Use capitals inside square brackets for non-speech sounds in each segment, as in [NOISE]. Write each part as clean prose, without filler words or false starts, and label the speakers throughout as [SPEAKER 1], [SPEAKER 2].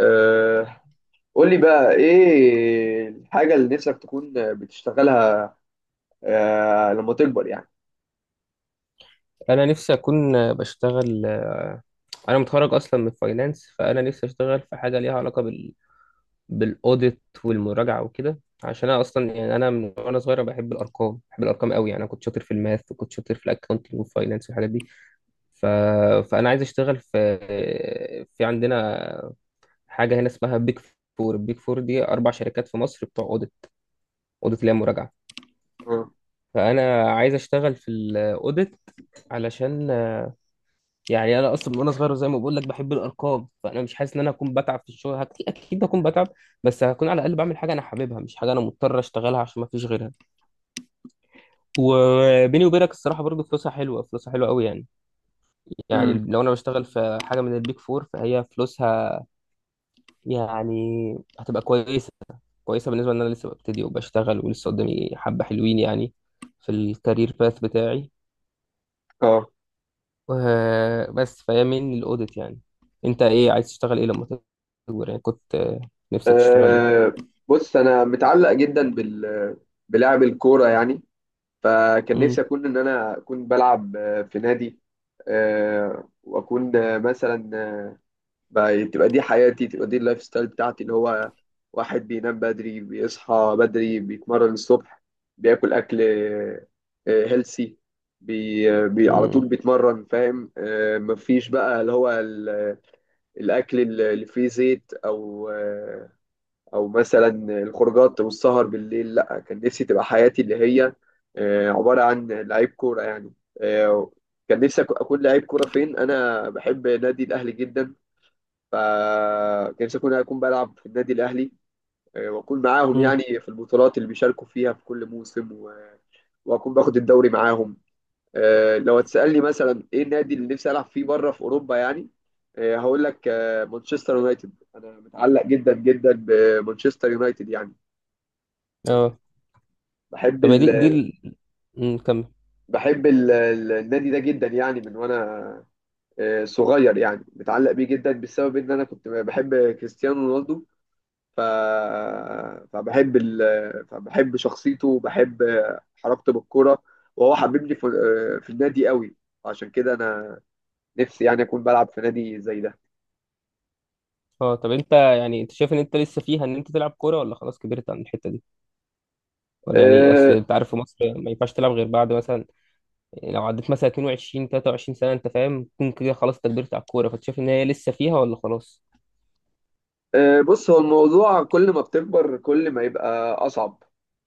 [SPEAKER 1] أه قول لي بقى ايه الحاجة اللي نفسك تكون بتشتغلها؟ لما تكبر يعني.
[SPEAKER 2] انا نفسي اكون بشتغل. انا متخرج اصلا من فاينانس، فانا نفسي اشتغل في حاجه ليها علاقه بالاوديت والمراجعه وكده، عشان انا اصلا يعني انا من وانا صغير أنا بحب الارقام، بحب الارقام قوي يعني. انا كنت شاطر في الماث وكنت شاطر في الاكونتنج والفاينانس والحاجات دي. ف... فانا عايز اشتغل في، في عندنا حاجه هنا اسمها بيج فور. البيج فور دي 4 شركات في مصر بتوع اوديت، اوديت اللي هي مراجعه.
[SPEAKER 1] مم.
[SPEAKER 2] فانا عايز اشتغل في الاوديت، علشان يعني انا اصلا من وانا صغير زي ما بقول لك بحب الارقام، فانا مش حاسس ان انا هكون بتعب في الشغل. اكيد اكيد هكون بتعب، بس هكون على الاقل بعمل حاجه انا حاببها، مش حاجه انا مضطر اشتغلها عشان ما فيش غيرها. وبيني وبينك الصراحه برضو فلوسها حلوه، فلوسها حلوه قوي يعني. يعني
[SPEAKER 1] مم.
[SPEAKER 2] لو انا بشتغل في حاجه من البيك فور فهي فلوسها يعني هتبقى كويسه، كويسه بالنسبه ان انا لسه ببتدي وبشتغل ولسه قدامي حبه حلوين يعني، في الكارير باث بتاعي.
[SPEAKER 1] اه
[SPEAKER 2] بس فهي من الاوديت يعني. انت ايه عايز تشتغل ايه لما تكبر يعني، كنت نفسك تشتغل ايه؟
[SPEAKER 1] أه، بص انا متعلق جدا بلعب الكورة يعني. فكان
[SPEAKER 2] امم.
[SPEAKER 1] نفسي ان انا اكون بلعب في نادي. أه واكون مثلا، بقى تبقى دي حياتي، تبقى دي اللايف ستايل بتاعتي، اللي هو واحد بينام بدري، بيصحى بدري، بيتمرن الصبح، بياكل اكل هيلسي، بي على طول
[SPEAKER 2] امم.
[SPEAKER 1] بيتمرن، فاهم؟ مفيش بقى اللي هو الاكل اللي فيه زيت او او مثلا الخروجات والسهر بالليل. لا، كان نفسي تبقى حياتي اللي هي عبارة عن لعيب كورة يعني. آه، كان نفسي اكون لعيب كورة. فين، انا بحب نادي الاهلي جدا، فنفسي أكون بلعب في النادي الأهلي، وأكون معاهم
[SPEAKER 2] امم.
[SPEAKER 1] يعني في البطولات اللي بيشاركوا فيها في كل موسم، وأكون باخد الدوري معاهم. لو هتسألني مثلا إيه النادي اللي نفسي ألعب فيه بره في أوروبا يعني، هقول لك مانشستر يونايتد. أنا متعلق جدا جدا بمانشستر يونايتد يعني. آه،
[SPEAKER 2] اه،
[SPEAKER 1] بحب
[SPEAKER 2] طب
[SPEAKER 1] ال
[SPEAKER 2] دي كمل.
[SPEAKER 1] بحب النادي ده جدا يعني. من وأنا صغير يعني، متعلق بيه جدا بسبب إن أنا كنت بحب كريستيانو رونالدو. ف... فبحب ال... فبحب شخصيته، وبحب حركته بالكرة، وهو حببني في في النادي قوي. عشان كده انا نفسي يعني اكون بلعب في نادي زي ده.
[SPEAKER 2] اه، طب انت يعني انت شايف ان انت لسه فيها ان انت تلعب كوره، ولا خلاص كبرت عن الحته دي؟ ولا يعني، اصل
[SPEAKER 1] أه،
[SPEAKER 2] انت عارف في مصر ما ينفعش تلعب غير بعد مثلا، لو عديت مثلا 22 23 سنه انت فاهم، تكون كده خلاص انت كبرت على الكوره. فانت شايف ان هي لسه فيها ولا خلاص؟
[SPEAKER 1] أه، بص، هو الموضوع كل ما بتكبر كل ما يبقى اصعب،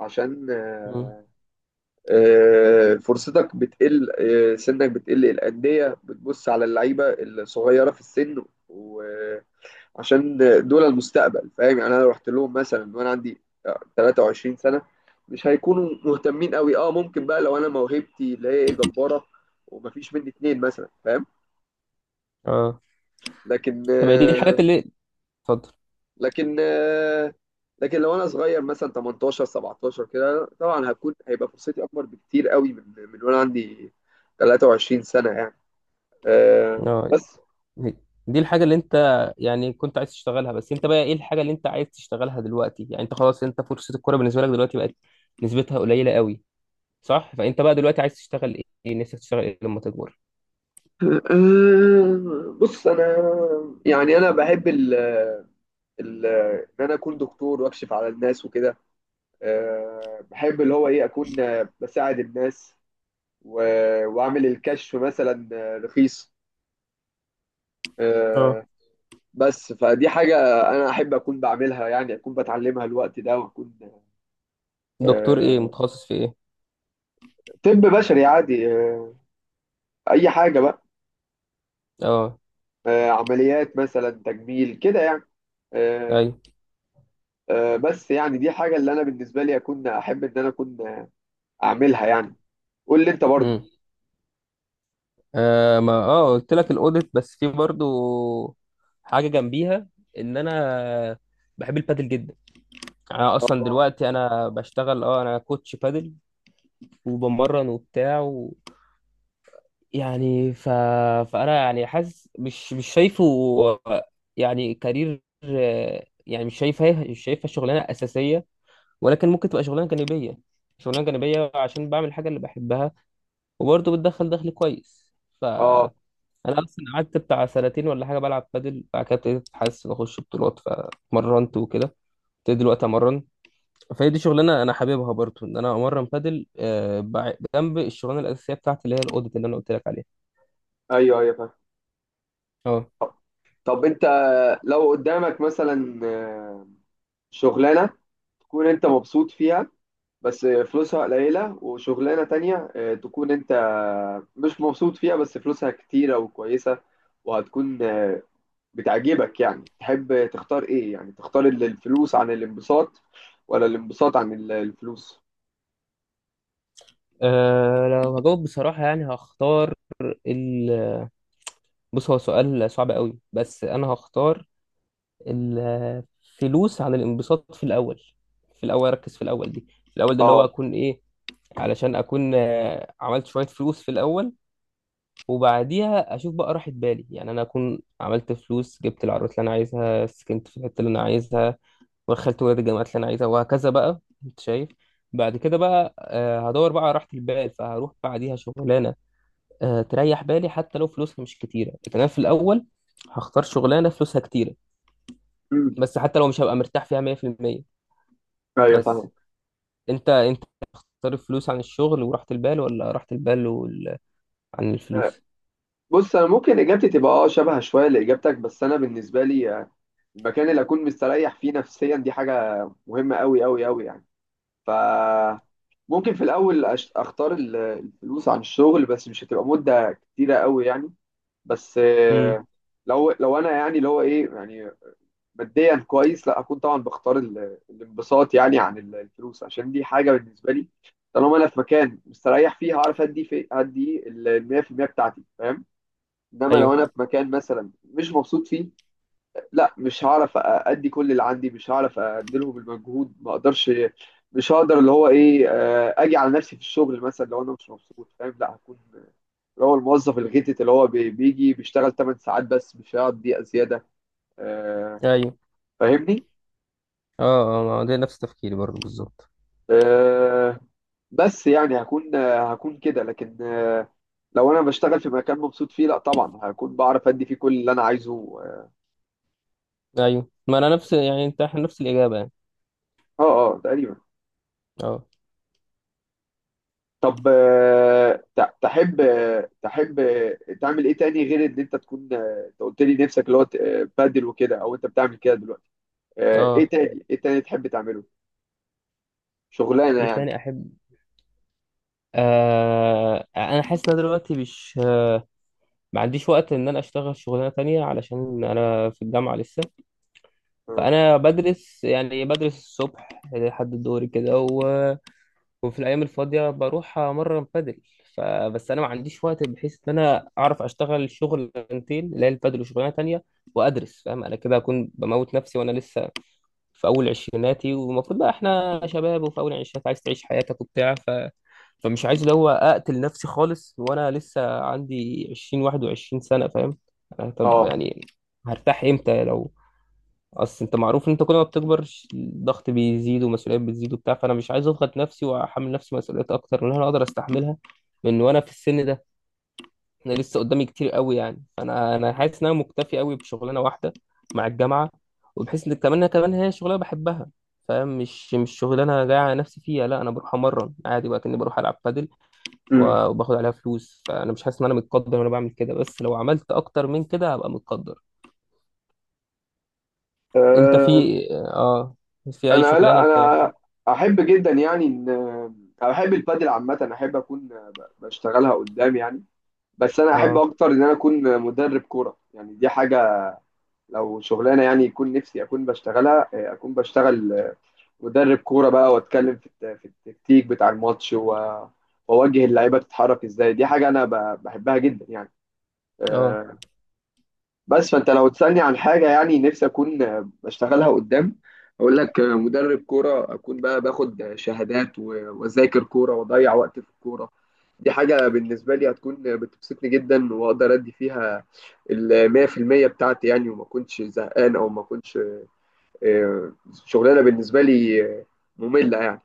[SPEAKER 1] عشان
[SPEAKER 2] امم.
[SPEAKER 1] فرصتك بتقل، سنك بتقل، الأندية بتبص على اللعيبة الصغيرة في السن، و عشان دول المستقبل، فاهم يعني؟ انا لو رحت لهم مثلا وانا عندي 23 سنه، مش هيكونوا مهتمين قوي. اه، ممكن بقى لو انا موهبتي اللي هي إيه جباره، ومفيش مني اتنين مثلا، فاهم؟
[SPEAKER 2] اه،
[SPEAKER 1] لكن
[SPEAKER 2] طب دي الحاجات
[SPEAKER 1] آه،
[SPEAKER 2] اللي، اتفضل.
[SPEAKER 1] لكن آه، لكن لو انا صغير مثلا 18 17 كده، طبعا هكون، هيبقى فرصتي اكبر بكتير قوي من وانا عندي 23 سنه يعني.
[SPEAKER 2] اه،
[SPEAKER 1] بس.
[SPEAKER 2] دي الحاجة اللي انت يعني كنت عايز تشتغلها، بس انت بقى ايه الحاجة اللي انت عايز تشتغلها دلوقتي؟ يعني انت خلاص، انت فرصة الكورة بالنسبة لك دلوقتي بقت نسبتها قليلة قوي، صح؟ فانت بقى دلوقتي عايز تشتغل ايه؟ نفسك تشتغل ايه لما تكبر؟
[SPEAKER 1] [LAUGHS] بص، انا يعني انا بحب ال- ان انا اكون دكتور واكشف على الناس وكده. بحب اللي هو ايه، اكون بساعد الناس، واعمل الكشف مثلا رخيص.
[SPEAKER 2] اه.
[SPEAKER 1] آه، بس، فدي حاجة أنا أحب أكون بعملها يعني، أكون بتعلمها الوقت ده، وأكون
[SPEAKER 2] دكتور ايه؟
[SPEAKER 1] آه،
[SPEAKER 2] متخصص في ايه؟
[SPEAKER 1] طب بشري عادي، أي حاجة بقى.
[SPEAKER 2] اه.
[SPEAKER 1] عمليات مثلا تجميل كده يعني. آه،
[SPEAKER 2] ايوه.
[SPEAKER 1] بس يعني دي حاجة اللي أنا بالنسبة لي أكون أحب إن أنا أكون أعملها يعني. قول لي أنت برضو.
[SPEAKER 2] امم. آه، ما قلت لك الاوديت، بس في برضو حاجة جنبيها، ان انا بحب البادل جدا. يعني انا اصلا
[SPEAKER 1] اه.
[SPEAKER 2] دلوقتي انا بشتغل انا كوتش بادل، وبمرن وبتاع يعني. فانا يعني حاسس مش شايفه يعني كارير، يعني مش شايفها شغلانه اساسيه، ولكن ممكن تبقى شغلانه جانبيه، شغلانه جانبيه عشان بعمل الحاجه اللي بحبها، وبرضه بتدخل دخل كويس.
[SPEAKER 1] اه.
[SPEAKER 2] فانا اصلا قعدت بتاع 2 سنين ولا حاجه بلعب بادل، بعد كده ابتديت حاسس ان اخش بطولات، فمرنت وكده، ابتديت دلوقتي امرن. فهي دي شغلانه انا حاببها برضه، ان انا امرن بادل جنب الشغلانه الاساسيه بتاعتي اللي هي الاوديت اللي انا قلت لك عليها.
[SPEAKER 1] ايوه، ايوه، فاهم.
[SPEAKER 2] اه
[SPEAKER 1] طب، انت، لو قدامك مثلا شغلانه تكون انت مبسوط فيها بس فلوسها قليله، وشغلانه تانية تكون انت مش مبسوط فيها بس فلوسها كتيره وكويسه وهتكون بتعجبك، يعني تحب تختار ايه؟ يعني تختار الفلوس عن الانبساط ولا الانبساط عن الفلوس؟
[SPEAKER 2] أه لو هجاوب بصراحة، يعني هختار ال... بص هو سؤال صعب قوي، بس أنا هختار الفلوس عن الانبساط في الأول. في الأول أركز في الأول دي، في الأول ده اللي هو
[SPEAKER 1] اه.
[SPEAKER 2] أكون إيه، علشان أكون عملت شوية فلوس في الأول، وبعديها أشوف بقى راحة بالي. يعني أنا أكون عملت فلوس، جبت العربيات اللي أنا عايزها، سكنت في الحتة اللي أنا عايزها، ودخلت ولاد الجامعات اللي أنا عايزها وهكذا بقى، أنت شايف. بعد كده بقى هدور بقى على راحة البال، فهروح بعديها شغلانة تريح بالي، حتى لو فلوسها مش كتيرة. لكن أنا في الأول هختار شغلانة فلوسها كتيرة،
[SPEAKER 1] امم.
[SPEAKER 2] بس حتى لو مش هبقى مرتاح فيها 100%.
[SPEAKER 1] ايوه،
[SPEAKER 2] بس
[SPEAKER 1] فاهم.
[SPEAKER 2] أنت تختار الفلوس عن الشغل وراحة البال، ولا راحة البال عن
[SPEAKER 1] آه،
[SPEAKER 2] الفلوس؟
[SPEAKER 1] بص، انا ممكن اجابتي تبقى اه شبه شويه لاجابتك، بس انا بالنسبه لي المكان اللي اكون مستريح فيه نفسيا دي حاجه مهمه قوي قوي قوي يعني. ف ممكن في الاول اختار الفلوس عن الشغل، بس مش هتبقى مده كتيره قوي يعني. بس
[SPEAKER 2] امم.
[SPEAKER 1] لو انا يعني اللي هو ايه يعني ماديا كويس، لا اكون طبعا بختار الانبساط يعني عن الفلوس، عشان دي حاجه بالنسبه لي. طالما انا في مكان مستريح فيه، هعرف ادي في ادي ال 100% بتاعتي، فاهم؟ انما لو
[SPEAKER 2] أيوه.
[SPEAKER 1] انا في مكان مثلا مش مبسوط فيه، لا، مش هعرف ادي كل اللي عندي، مش هعرف اديلهم المجهود، ما اقدرش. مش هقدر اللي هو ايه اجي على نفسي في الشغل مثلا لو انا مش مبسوط، فاهم؟ لا، هكون اللي هو الموظف الغتت اللي هو بيجي بيشتغل 8 ساعات بس مش هيقعد دقيقة زيادة. آه،
[SPEAKER 2] أيوه.
[SPEAKER 1] فاهمني؟
[SPEAKER 2] أه. أه، ما هو ده نفس تفكيري برضه بالظبط.
[SPEAKER 1] آه، بس يعني هكون هكون كده، لكن لو انا بشتغل في مكان مبسوط فيه لا طبعا هكون بعرف ادي فيه كل اللي انا عايزه. اه.
[SPEAKER 2] أيوه، ما أنا نفس، يعني أنت، إحنا نفس الإجابة يعني.
[SPEAKER 1] اه، تقريبا.
[SPEAKER 2] أه.
[SPEAKER 1] طب تحب تعمل ايه تاني غير ان انت تكون؟ انت قلت لي نفسك اللي هو بادل وكده، او انت بتعمل كده دلوقتي. ايه
[SPEAKER 2] أه.
[SPEAKER 1] تاني، ايه تاني تحب تعمله؟ شغلانه
[SPEAKER 2] إيه
[SPEAKER 1] يعني.
[SPEAKER 2] تاني أحب؟ آه، أنا حاسس إن أنا دلوقتي مش، ما عنديش وقت إن أنا أشتغل شغلانة تانية، علشان أنا في الجامعة لسه.
[SPEAKER 1] اه.
[SPEAKER 2] فأنا بدرس يعني، بدرس الصبح لحد الظهر كده وفي الأيام الفاضية بروح أمرن بادل. فبس أنا ما عنديش وقت بحيث إن أنا أعرف أشتغل شغلانتين، اللي هي البادل وشغلانة تانية، وأدرس فاهم. أنا كده هكون بموت نفسي وأنا لسه في أول عشريناتي، والمفروض بقى إحنا شباب وفي أول عشرينات عايز تعيش حياتك وبتاع. فمش عايز اللي هو أقتل نفسي خالص وأنا لسه عندي 20 21 سنة فاهم. أنا طب
[SPEAKER 1] آه.
[SPEAKER 2] يعني هرتاح إمتى؟ لو اصل انت معروف ان انت كل ما بتكبر، الضغط بيزيد ومسؤوليات بتزيد وبتاع. فانا مش عايز اضغط نفسي واحمل نفسي مسؤوليات اكتر من اللي انا اقدر استحملها من وانا في السن ده. انا لسه قدامي كتير قوي يعني، فانا حاسس ان انا مكتفي قوي بشغلانه واحده مع الجامعه، وبحيث ان كمان كمان هي شغلانه بحبها فاهم، مش شغلانه جاي على نفسي فيها. لا انا بروح امرن عادي بقى كاني بروح العب بادل،
[SPEAKER 1] أمم.
[SPEAKER 2] و- وباخد عليها فلوس، فانا مش حاسس ان انا متقدر وانا بعمل كده، بس لو عملت اكتر من كده هبقى متقدر. انت
[SPEAKER 1] آه،
[SPEAKER 2] في في اي
[SPEAKER 1] انا،
[SPEAKER 2] شغلانه
[SPEAKER 1] لا
[SPEAKER 2] انت؟
[SPEAKER 1] انا احب جدا يعني احب البادل عامه، احب اكون بشتغلها قدام يعني. بس انا احب
[SPEAKER 2] اه.
[SPEAKER 1] اكتر ان انا اكون مدرب كوره يعني. دي حاجه، لو شغلانه يعني يكون نفسي اكون بشتغلها، اكون بشتغل مدرب كوره بقى، واتكلم في في التكتيك بتاع الماتش، واوجه اللعيبه تتحرك ازاي. دي حاجه انا بحبها جدا يعني.
[SPEAKER 2] اه.
[SPEAKER 1] آه، بس، فانت لو تسالني عن حاجه يعني نفسي اكون بشتغلها قدام، اقول لك مدرب كوره. اكون بقى باخد شهادات، واذاكر كوره، واضيع وقت في الكوره. دي حاجه بالنسبه لي هتكون بتبسطني جدا، واقدر ادي فيها ال 100% بتاعتي يعني، وما كنتش زهقان، او ما كنتش آه، شغلانه بالنسبه لي ممله يعني.